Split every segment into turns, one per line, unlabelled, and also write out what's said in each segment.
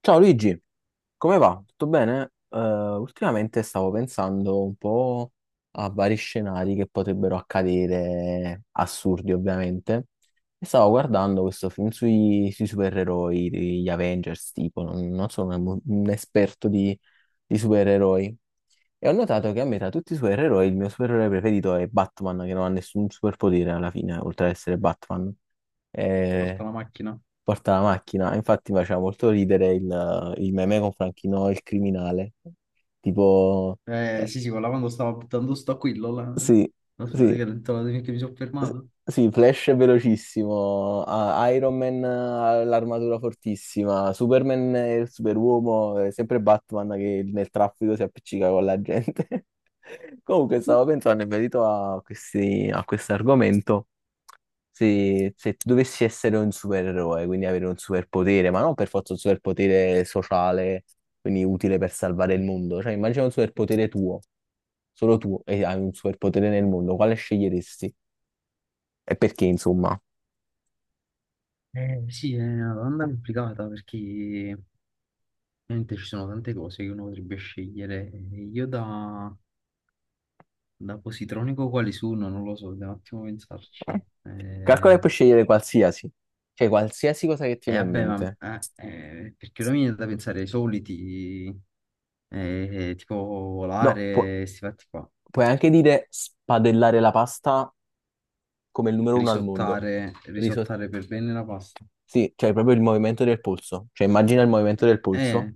Ciao Luigi, come va? Tutto bene? Ultimamente stavo pensando un po' a vari scenari che potrebbero accadere, assurdi ovviamente, e stavo guardando questo film sui supereroi, gli Avengers, tipo, non sono un esperto di supereroi, e ho notato che a me tra tutti i supereroi il mio supereroe preferito è Batman, che non ha nessun superpotere alla fine, oltre ad essere Batman.
Porta
Eh,
la macchina.
porta la macchina. Infatti mi faceva molto ridere il meme con Franchino, il criminale. Tipo, eh,
Sì, sì, quella quando stavo buttando sto aquillo, là,
sì,
non so,
sì,
praticamente la che mi sono
S-
fermato.
sì, Flash è velocissimo, Iron Man ha l'armatura fortissima, Superman è il superuomo, è sempre Batman che nel traffico si appiccica con la gente. Comunque stavo pensando in merito a questi, a questo argomento, se tu dovessi essere un supereroe, quindi avere un superpotere, ma non per forza un superpotere sociale, quindi utile per salvare il mondo, cioè immagina un superpotere tuo, solo tu, e hai un superpotere nel mondo, quale sceglieresti? E perché, insomma?
Sì, è una domanda complicata perché ovviamente ci sono tante cose che uno potrebbe scegliere. Io da positronico quali sono? Non lo so, devo un attimo pensarci.
Eh. Calcola
Eh,
che puoi scegliere qualsiasi, cioè qualsiasi cosa che ti viene in
vabbè, ma
mente.
perché ora mi viene da pensare ai soliti, tipo
No,
volare, questi fatti qua,
puoi anche dire spadellare la pasta come il numero uno al mondo. Riso-
risottare per bene la pasta.
sì, cioè proprio il movimento del polso. Cioè immagina il movimento del polso.
Eh.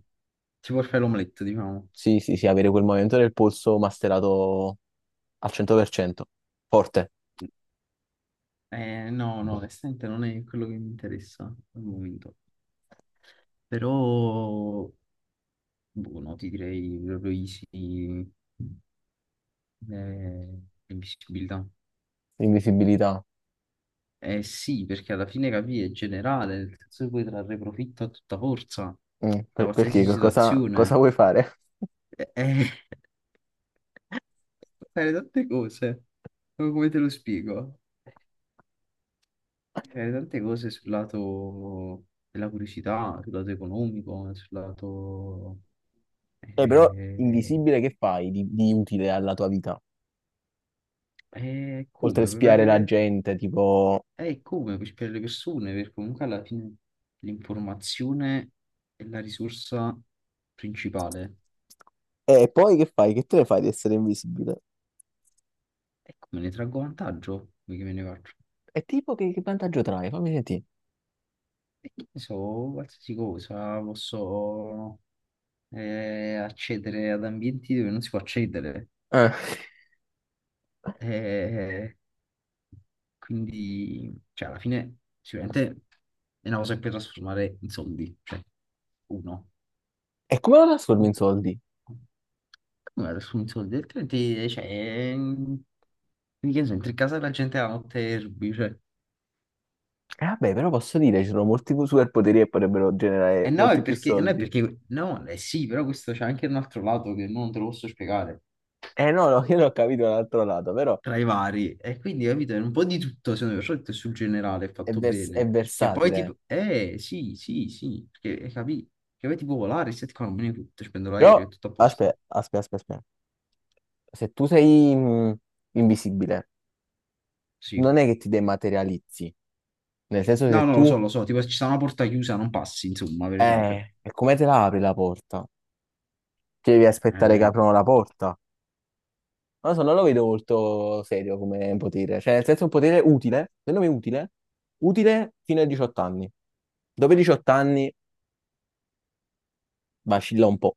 Tipo il fai l'omelette, diciamo.
Sì, sì, sì, avere quel movimento del polso masterato al 100%. Forte.
No, no, onestamente non è quello che mi interessa al momento. Però, boh, no, ti direi proprio easy, eh, l'invisibilità.
Invisibilità.
Eh sì, perché alla fine capì, è generale, nel senso che puoi trarre profitto a tutta forza
Mm,
da
perché?
qualsiasi
Cosa, cosa
situazione.
vuoi fare?
Eh, eh, fare tante cose. Come te lo spiego? Tante cose sul lato della curiosità, sul lato economico, sul lato...
Però
eh,
invisibile che fai di utile alla tua vita? Oltre a
come,
spiare la gente, tipo...
come per le persone, perché comunque alla fine l'informazione è la risorsa principale.
E poi che fai? Che te ne fai di essere invisibile?
E come ne traggo vantaggio? Come che me ne faccio?
E tipo che vantaggio trae? Fammi sentire.
E che ne so, qualsiasi cosa, posso accedere ad ambienti dove non si può accedere.
Eh.
Eh, Quindi, cioè, alla fine, sicuramente è una cosa che puoi trasformare in soldi, cioè, uno.
E come lo trasformi in
Come
soldi?
la trasformi in soldi? Altrimenti, cioè, che ne so, entri in casa della gente la notte e rubi, cioè.
Vabbè, però posso dire, ci sono molti superpoteri che potrebbero generare
E no,
molti
è
più
perché, no, è
soldi.
perché, no, eh sì, però questo c'è anche un altro lato che non te lo posso spiegare
Eh no, no, io non ho capito l'altro lato, però
tra i vari. E quindi, capito, è un po' di tutto, secondo me, soprattutto sul generale è
è,
fatto
è
bene. Che poi
versatile.
tipo, sì, sì, sì, perché capì, che poi tipo volare, stai qua, non me ne tutto, ci prendo
Però,
l'aereo, è tutto a posto.
aspetta. Se tu sei invisibile,
Sì.
non è che ti dematerializzi, nel senso
No,
se
no,
tu...
lo so, tipo se ci sta una porta chiusa, non passi, insomma, per esempio.
E come te la apri la porta? Ti devi aspettare che
Eh,
aprono la porta. Non lo so, non lo vedo molto serio come potere. Cioè, nel senso è un potere utile, secondo me utile, utile fino ai 18 anni. Dopo i 18 anni vacilla un po'.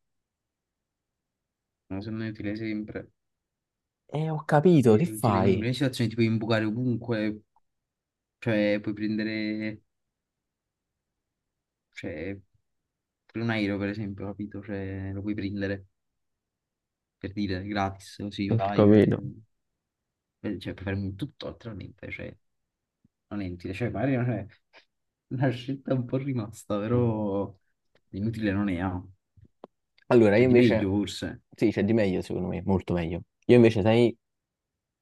no, secondo me è utile sempre,
Ho capito, che
è utile in in
fai?
una situazione, ti puoi imbucare ovunque, cioè puoi prendere, cioè, per un aereo, per esempio, capito? Cioè, lo puoi prendere, per dire, gratis, così
Ho
vai, cioè...
capito.
Vedi, cioè, puoi fare un tutto altrimenti, cioè, non è inutile. Cioè, magari non è una scelta un po' rimasta, però inutile non è, ah.
Allora, io
Cioè, di meglio
invece...
forse,
Sì, c'è di meglio, secondo me, molto meglio. Io invece, sai,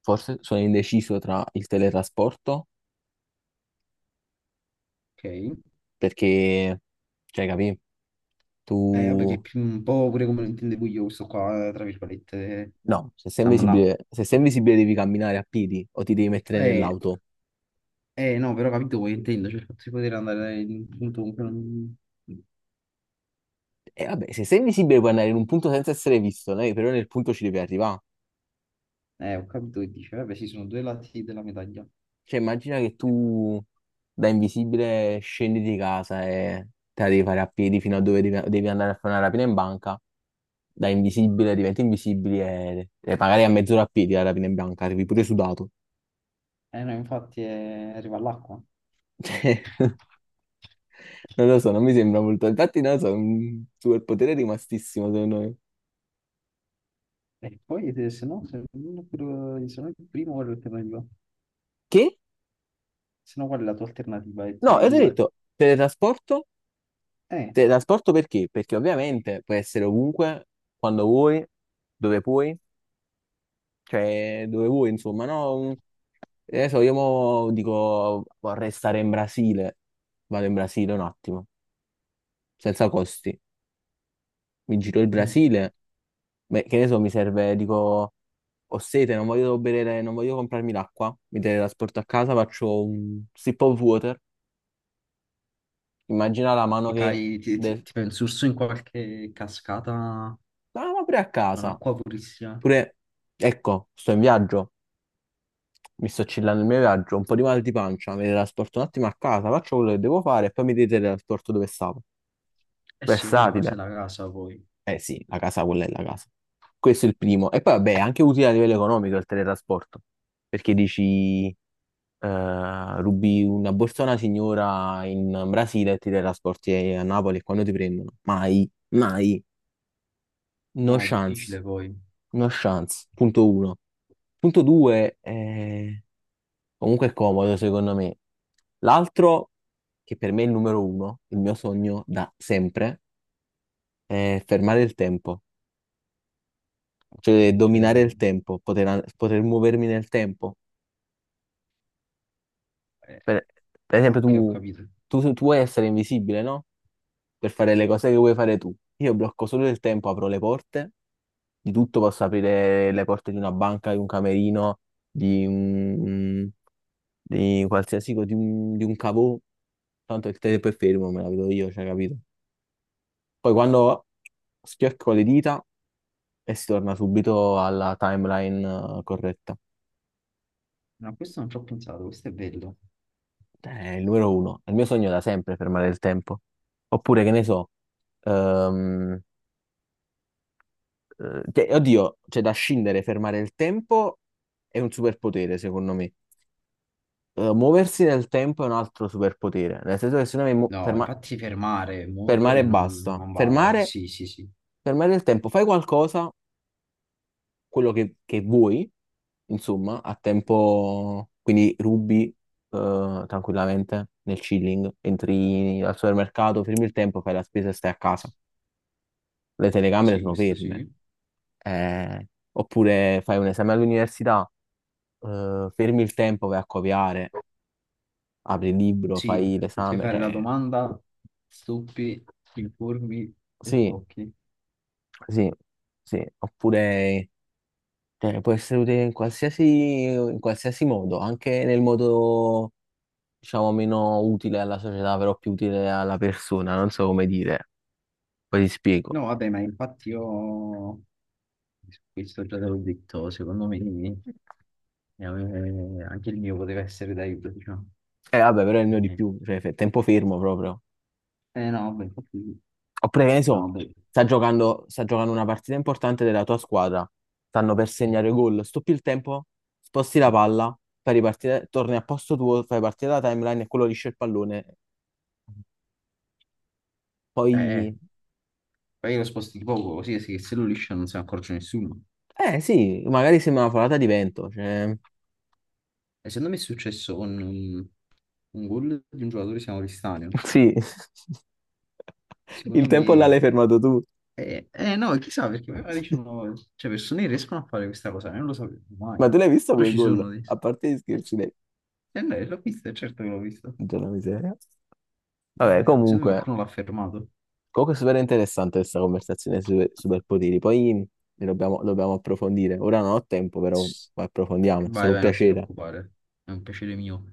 forse sono indeciso tra il teletrasporto,
ok?
perché, cioè, capì?
Vabbè, che è
Tu
più un po' pure come lo intendevo io questo qua, tra virgolette,
no, se sei
stiamo là.
invisibile, se sei invisibile devi camminare a piedi o ti devi mettere
Eh,
nell'auto.
no, però ho capito quello che intendo, cioè, il fatto di poter andare in un punto comunque non...
E vabbè, se sei invisibile puoi andare in un punto senza essere visto, né? Però nel punto ci devi arrivare.
Ho capito che dice, vabbè, sì, sono due lati della medaglia.
Cioè, immagina che tu da invisibile scendi di casa e te la devi fare a piedi fino a dove devi andare a fare una rapina in banca. Da invisibile diventi invisibile e magari a mezz'ora a piedi la rapina in banca, arrivi pure sudato.
No, infatti arriva all'acqua.
Cioè, non lo so, non mi sembra molto. Infatti, non lo so, è un superpotere rimastissimo secondo me.
E poi se, se no, se, se no il primo qual è l'alternativa?
Che?
Se no qual è la tua alternativa? E sono
No,
i
e ti ho
due.
detto, teletrasporto?
Eh,
Teletrasporto perché? Perché ovviamente puoi essere ovunque, quando vuoi, dove puoi, cioè dove vuoi, insomma, no? Che ne so, io mo dico vorrei stare in Brasile, vado in Brasile un attimo, senza costi. Mi giro il
mm.
Brasile, beh, che ne so, mi serve, dico, ho sete, non voglio bere, non voglio comprarmi l'acqua, mi teletrasporto a casa, faccio un sip of water, immagina la mano
Ti
che...
fai,
del-
ti fai un sorso in qualche cascata
Ah, ma pure a
con
casa.
acqua purissima.
Pure, ecco, sto in viaggio, mi sto chillando il mio viaggio, un po' di mal di pancia, mi teletrasporto un attimo a casa, faccio quello che devo fare e poi mi teletrasporto dove stavo.
Eh sì, ora la
Versatile.
casa è la casa poi.
Eh sì, la casa quella è la casa. Questo è il primo. E poi vabbè, è anche utile a livello economico il teletrasporto, perché dici, rubi una borsa a una signora in Brasile e ti teletrasporti a Napoli e quando ti prendono? Mai, mai, no
No, è
chance,
difficile poi.
no chance. Punto uno. Punto due, comunque è comodo secondo me. L'altro, che per me è il numero uno, il mio sogno da sempre, è fermare il tempo, cioè
Ok,
dominare
cioè...
il tempo, poter muovermi nel tempo.
eh,
Per, per esempio,
ok, ho capito.
tu vuoi essere invisibile, no? Per fare le cose che vuoi fare tu. Io blocco solo il tempo, apro le porte, di tutto posso aprire le porte di una banca, di un camerino, di un, di qualsiasi, di un cavò, tanto il tempo è fermo, me la vedo io, cioè, capito? Poi quando schiocco le dita e si torna subito alla timeline corretta.
No, questo non ci ho pensato, questo è bello.
È il numero uno. È il mio sogno da sempre fermare il tempo. Oppure, che ne so, ehm, oddio, c'è da scindere, fermare il tempo è un superpotere, secondo me. Muoversi nel tempo è un altro superpotere. Nel senso che se noi
No, infatti fermare,
fermare e
muovere
basta.
non vale.
Fermare,
Sì, sì, sì.
fermare il tempo, fai qualcosa quello che vuoi, insomma, a tempo, quindi rubi tranquillamente nel chilling, entri al supermercato, fermi il tempo, fai la spesa e stai a casa. Le telecamere
Sì,
sono
questo
ferme.
sì.
Eh, oppure fai un esame all'università, fermi il tempo, vai a copiare, apri il libro,
Sì,
fai
puoi
l'esame.
fare la
Cioè,
domanda, stupi, informi e
sì,
sblocchi.
sì, sì. Oppure cioè, può essere utile in qualsiasi modo, anche nel modo diciamo, meno utile alla società, però più utile alla persona, non so come dire. Poi ti spiego.
No, vabbè, ma infatti io su questo già te l'ho detto, secondo me eh, anche il mio poteva essere d'aiuto, diciamo.
Vabbè, però è il mio di
Eh
più, cioè, tempo fermo proprio.
no, vabbè, infatti sì.
Oppure, che ne
No,
so,
vabbè.
sta giocando una partita importante della tua squadra, stanno per segnare gol, stoppi il tempo, sposti la palla, fai ripartire, torni a posto tuo, fai partire la timeline e quello liscia il pallone.
Eh,
Poi,
eh, poi lo sposti di poco, così se se lo liscia non se ne accorge nessuno.
eh sì, magari sembra una folata di vento, cioè...
E secondo me è successo con un gol di un giocatore che si chiama Cristiano.
Sì, il
Secondo
tempo là
me
l'hai fermato tu,
No, chissà perché magari ci sono, cioè, persone che riescono a fare questa cosa, io non lo sapevo mai,
ma tu l'hai visto
però
quel
ci
gol?
sono di...
A parte gli
Eh, c-
scherzi,
no, l'ho visto, certo che l'ho visto.
Madonna miseria. Vabbè,
Secondo me
comunque,
qualcuno l'ha fermato.
comunque è super interessante questa conversazione sui superpoteri. Poi lo dobbiamo approfondire. Ora non ho tempo, però approfondiamo.
Vai,
Sarà un
vai, non ti
piacere.
preoccupare, è un piacere mio.